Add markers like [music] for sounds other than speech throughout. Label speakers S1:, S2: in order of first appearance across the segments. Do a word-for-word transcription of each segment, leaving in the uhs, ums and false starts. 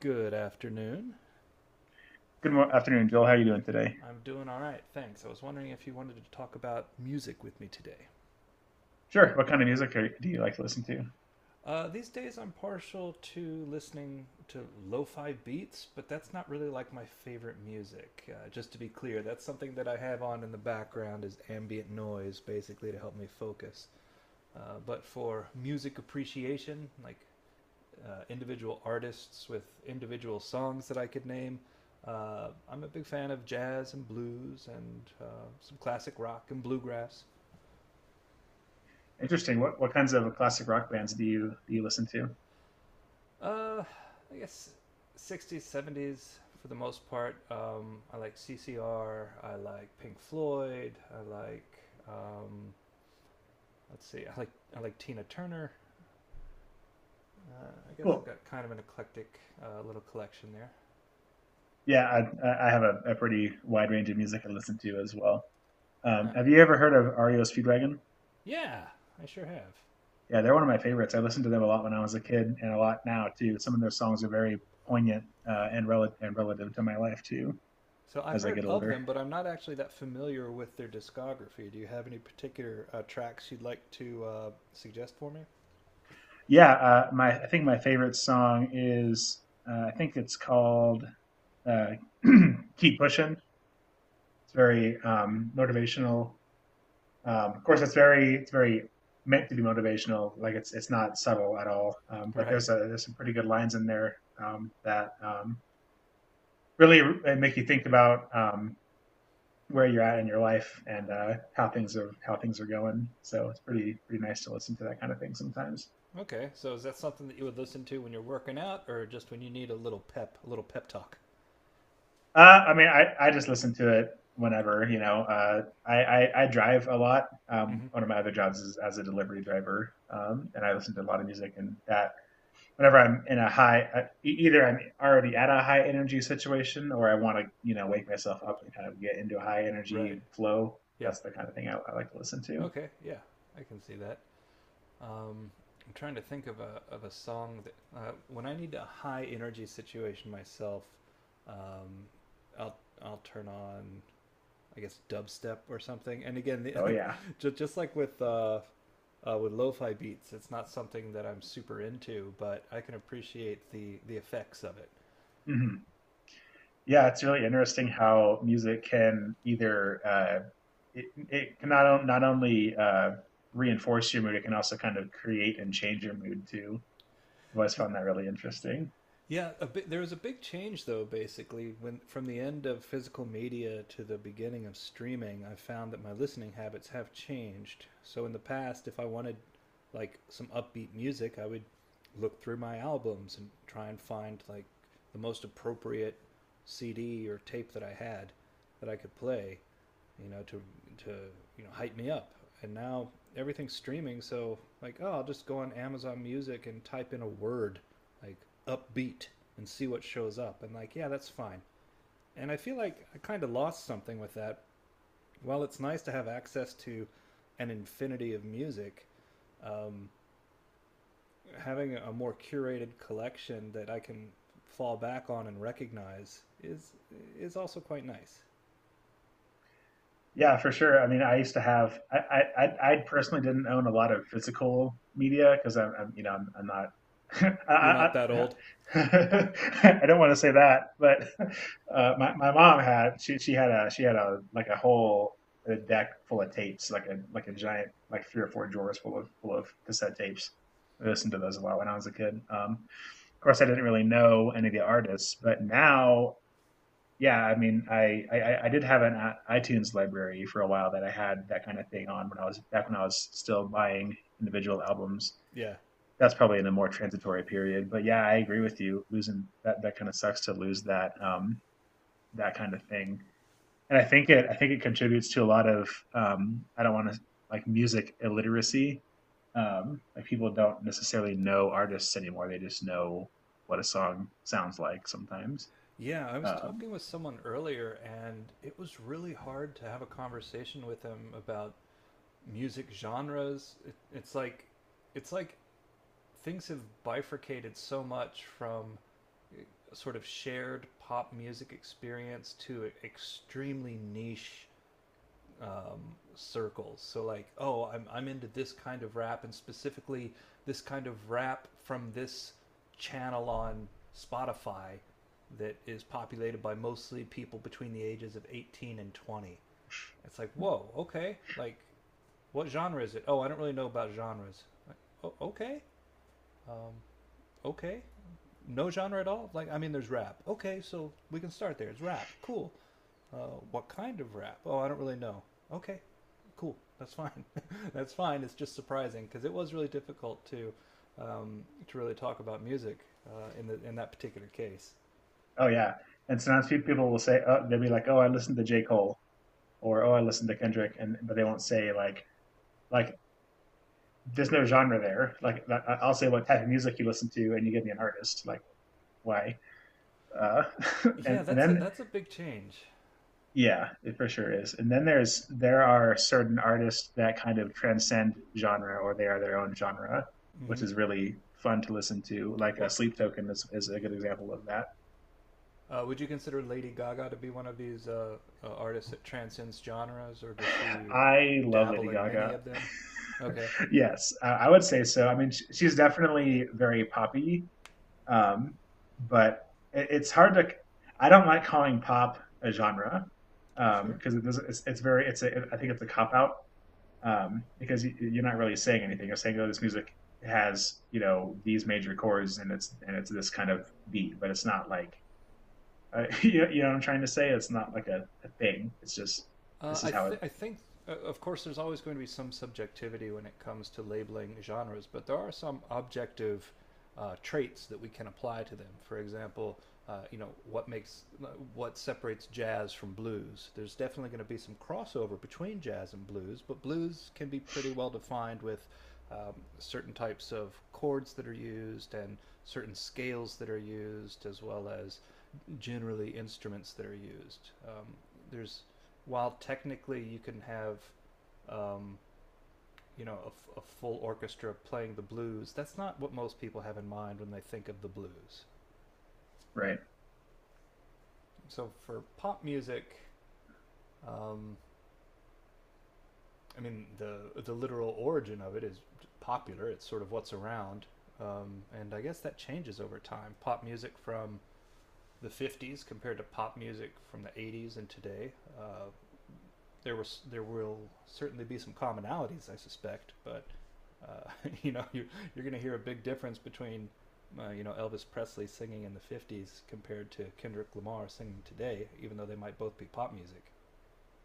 S1: Good afternoon.
S2: Good afternoon, Joel. How are you doing today?
S1: I'm doing all right, thanks. I was wondering if you wanted to talk about music with me today.
S2: Sure. What kind of music are, do you like to listen to?
S1: Uh, these days, I'm partial to listening to lo-fi beats, but that's not really like my favorite music. Uh, just to be clear, that's something that I have on in the background as ambient noise, basically to help me focus. Uh, but for music appreciation, like uh, individual artists with individual songs that I could name. Uh, I'm a big fan of jazz and blues and uh, some classic rock and bluegrass.
S2: Interesting. What what kinds of classic rock bands do you do you listen to?
S1: Uh, I guess sixties, seventies for the most part. Um, I like C C R. I like Pink Floyd. I like um, let's see. I like I like Tina Turner. Uh, I guess I've
S2: Cool.
S1: got kind of an eclectic uh, little collection there.
S2: Yeah, I, I- I have a, a pretty wide range of music I listen to as well.
S1: Uh,
S2: Um, have you ever heard of R E O Speedwagon?
S1: yeah, I sure have.
S2: Yeah, they're one of my favorites. I listened to them a lot when I was a kid, and a lot now too. Some of their songs are very poignant uh, and relative and relative to my life too
S1: So I've
S2: as I
S1: heard
S2: get
S1: of
S2: older.
S1: them, but I'm not actually that familiar with their discography. Do you have any particular uh, tracks you'd like to uh, suggest for me?
S2: Yeah, uh, my I think my favorite song is uh, I think it's called uh, [clears throat] "Keep Pushing." It's very um, motivational. Um, of course, it's very it's very meant to be motivational. Like it's it's not subtle at all. Um, but
S1: Right.
S2: there's a there's some pretty good lines in there um, that um, really make you think about um, where you're at in your life and uh, how things are how things are going. So it's pretty pretty nice to listen to that kind of thing sometimes.
S1: Okay, so is that something that you would listen to when you're working out, or just when you need a little pep, a little pep talk?
S2: Uh, I mean, I, I just listen to it whenever, you know. Uh, I, I I drive a lot. Um,
S1: Mm-hmm.
S2: one of my other jobs is as a delivery driver, um, and I listen to a lot of music, and that whenever I'm in a high, uh, e- either I'm already at a high energy situation or I want to, you know, wake myself up and kind of get into a high
S1: Right.
S2: energy flow.
S1: Yeah.
S2: That's the kind of thing I, I like to listen to.
S1: Okay, yeah, I can see that. Um, I'm trying to think of a of a song that uh, when I need a high energy situation myself, um, I'll I'll turn on I guess dubstep or something. And again, the, [laughs]
S2: Oh,
S1: like,
S2: yeah.
S1: just just like with uh, uh, with lo-fi beats, it's not something that I'm super into, but I can appreciate the the effects of it.
S2: Hmm. Yeah, it's really interesting how music can either, uh, it, it can not, on- not only uh, reinforce your mood, it can also kind of create and change your mood too. I've always found that really interesting.
S1: Yeah, a bi- there was a big change though. Basically, when from the end of physical media to the beginning of streaming, I found that my listening habits have changed. So in the past, if I wanted like some upbeat music, I would look through my albums and try and find like the most appropriate C D or tape that I had that I could play you know, to to you know hype me up. And now everything's streaming, so like, oh, I'll just go on Amazon Music and type in a word like upbeat and see what shows up. And like, yeah, that's fine. And I feel like I kind of lost something with that. While it's nice to have access to an infinity of music, um, having a more curated collection that I can fall back on and recognize is is also quite nice.
S2: Yeah, for sure. I mean, I used to have. I I I I personally didn't own a lot of physical media because I'm, I'm you know I'm, I'm not. [laughs] I,
S1: You're not that
S2: I,
S1: old.
S2: I [laughs] I don't want to say that, but uh, my my mom had she she had a she had a like a whole a deck full of tapes, like a like a giant, like three or four drawers full of full of cassette tapes. I listened to those a lot when I was a kid. Um, of course, I didn't really know any of the artists, but now, yeah, I mean, I, I I- did have an i- iTunes library for a while that I had that kind of thing on, when I was back when I was still buying individual albums.
S1: Yeah,
S2: That's probably in a more transitory period, but yeah, I agree with you. Losing that that kind of sucks to lose that um that kind of thing, and I think it I think it contributes to a lot of, um I don't want to, like, music illiteracy. Um, like people don't necessarily know artists anymore; they just know what a song sounds like sometimes.
S1: yeah, I was
S2: Um,
S1: talking with someone earlier, and it was really hard to have a conversation with them about music genres. It, it's like, it's like things have bifurcated so much from a sort of shared pop music experience to e-, extremely niche um, circles. So like, oh, I'm I'm into this kind of rap and specifically this kind of rap from this channel on Spotify that is populated by mostly people between the ages of eighteen and twenty. It's like, whoa, okay. Like, what genre is it? Oh, I don't really know about genres. Like, oh, okay, um, okay. No genre at all. Like, I mean, there's rap. Okay, so we can start there. It's rap. Cool. Uh, what kind of rap? Oh, I don't really know. Okay, cool. That's fine. [laughs] That's fine. It's just surprising because it was really difficult to um, to really talk about music uh, in the in that particular case.
S2: Oh yeah, and sometimes people will say, oh, they'll be like, "Oh, I listened to J. Cole," or "Oh, I listened to Kendrick," and but they won't say like like there's no genre there. Like, I- I'll say, what type of music you listen to, and you give me an artist. Like, why? Uh, [laughs]
S1: Yeah,
S2: and and
S1: that's a
S2: then
S1: that's a big change.
S2: yeah, it for sure is. And then there's there are certain artists that kind of transcend genre, or they are their own genre,
S1: hmm
S2: which is really fun to listen to. Like a
S1: Well,
S2: Sleep Token is is a good example of that.
S1: uh, would you consider Lady Gaga to be one of these uh, uh, artists that transcends genres, or does she
S2: I love Lady
S1: dabble in many
S2: Gaga.
S1: of them?
S2: [laughs]
S1: Okay,
S2: Yes, I, I would say so. I mean, sh- she's definitely very poppy, um, but it, it's hard to. I don't like calling pop a genre
S1: sure.
S2: because it doesn't. It's, it's very. It's. A, I think it's a cop out, um, because you, you're not really saying anything. You're saying, "Oh, this music has, you know, these major chords and it's and it's this kind of beat," but it's not like, uh, [laughs] you, know, you know what I'm trying to say. It's not like a, a thing. It's just
S1: Uh,
S2: this is
S1: I,
S2: how it.
S1: th- I think, uh, of course, there's always going to be some subjectivity when it comes to labeling genres, but there are some objective uh, traits that we can apply to them. For example, uh, you know, what makes uh, what separates jazz from blues? There's definitely going to be some crossover between jazz and blues, but blues can be pretty well defined with um, certain types of chords that are used and certain scales that are used, as well as generally instruments that are used. Um, there's While technically you can have, um, you know, a f- a full orchestra playing the blues, that's not what most people have in mind when they think of the blues.
S2: Right.
S1: So for pop music, um, I mean, the the literal origin of it is popular. It's sort of what's around, um, and I guess that changes over time. Pop music from the fifties compared to pop music from the eighties and today. Uh, there was there will certainly be some commonalities, I suspect, but uh, [laughs] you know you're you're going to hear a big difference between uh, you know Elvis Presley singing in the fifties compared to Kendrick Lamar singing today, even though they might both be pop music.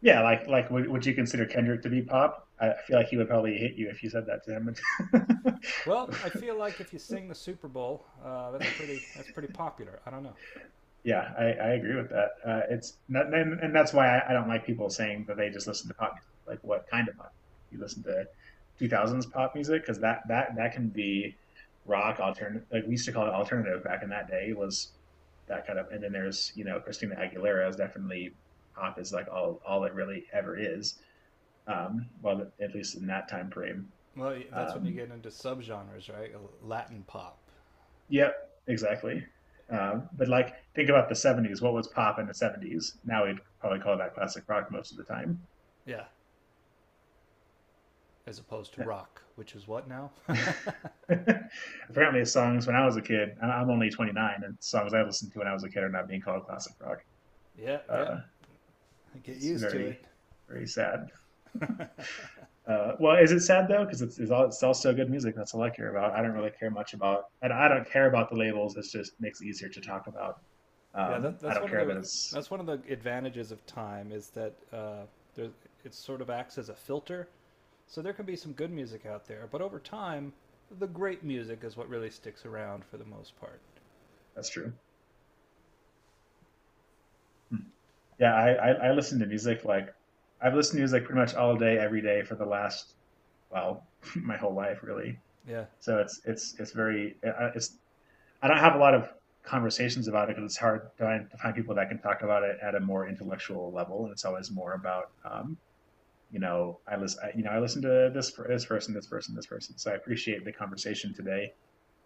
S2: Yeah, like, like would, would you consider Kendrick to be pop? I I feel like he would probably hit you if you said that to him. [laughs]
S1: Well, I feel like if you sing the Super Bowl, uh, that's pretty that's pretty popular. I don't know.
S2: Yeah, I, I agree with that. Uh, it's not, and, and that's why I, I don't like people saying that they just listen to pop music. Like what kind of pop? You listen to two thousands pop music because that that that can be rock alternative. Like we used to call it alternative back in that day, was that kind of. And then there's, you know, Christina Aguilera is definitely pop, is like all all it really ever is. Um, well, at least in that time frame.
S1: Well, that's when you
S2: Um,
S1: get into subgenres, right? Latin pop,
S2: Yep, exactly. Um, but like, think about the seventies. What was pop in the seventies? Now we'd probably call that classic rock most of the time.
S1: yeah, as opposed to rock, which is what now?
S2: [laughs] Apparently, songs when I was a kid. I- am only twenty-nine, and songs I listened to when I was a kid are not being called classic rock.
S1: Yeah, yeah.
S2: Uh,
S1: Get
S2: it's
S1: used to
S2: very,
S1: it.
S2: very sad. Uh, well, is it sad though? Because it's, it's all it's all still good music. That's all I care about. I don't really care much about, and I don't care about the labels. It's just makes it easier to talk about.
S1: Yeah, that,
S2: Um, I
S1: that's
S2: don't
S1: one of
S2: care
S1: the
S2: that it's
S1: that's one of the advantages of time is that uh, there, it sort of acts as a filter. So there can be some good music out there, but over time, the great music is what really sticks around for the most part.
S2: that's true. Hmm. Yeah, I, I I listen to music, like, I've listened to music pretty much all day, every day for the last, well, [laughs] my whole life really.
S1: Yeah.
S2: So it's it's it's very, uh, it's, I don't have a lot of conversations about it because it's hard to find, to find people that can talk about it at a more intellectual level, and it's always more about, um, you know, I listen, I, you know, I listen to this this person, this person, this person. So I appreciate the conversation today,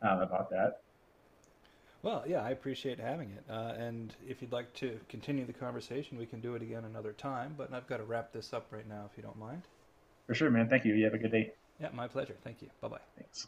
S2: uh, about that.
S1: Well, yeah, I appreciate having it. Uh, and if you'd like to continue the conversation, we can do it again another time. But I've got to wrap this up right now, if you don't mind.
S2: For sure, man. Thank you. You have a good day.
S1: Yeah, my pleasure. Thank you. Bye bye.
S2: Thanks.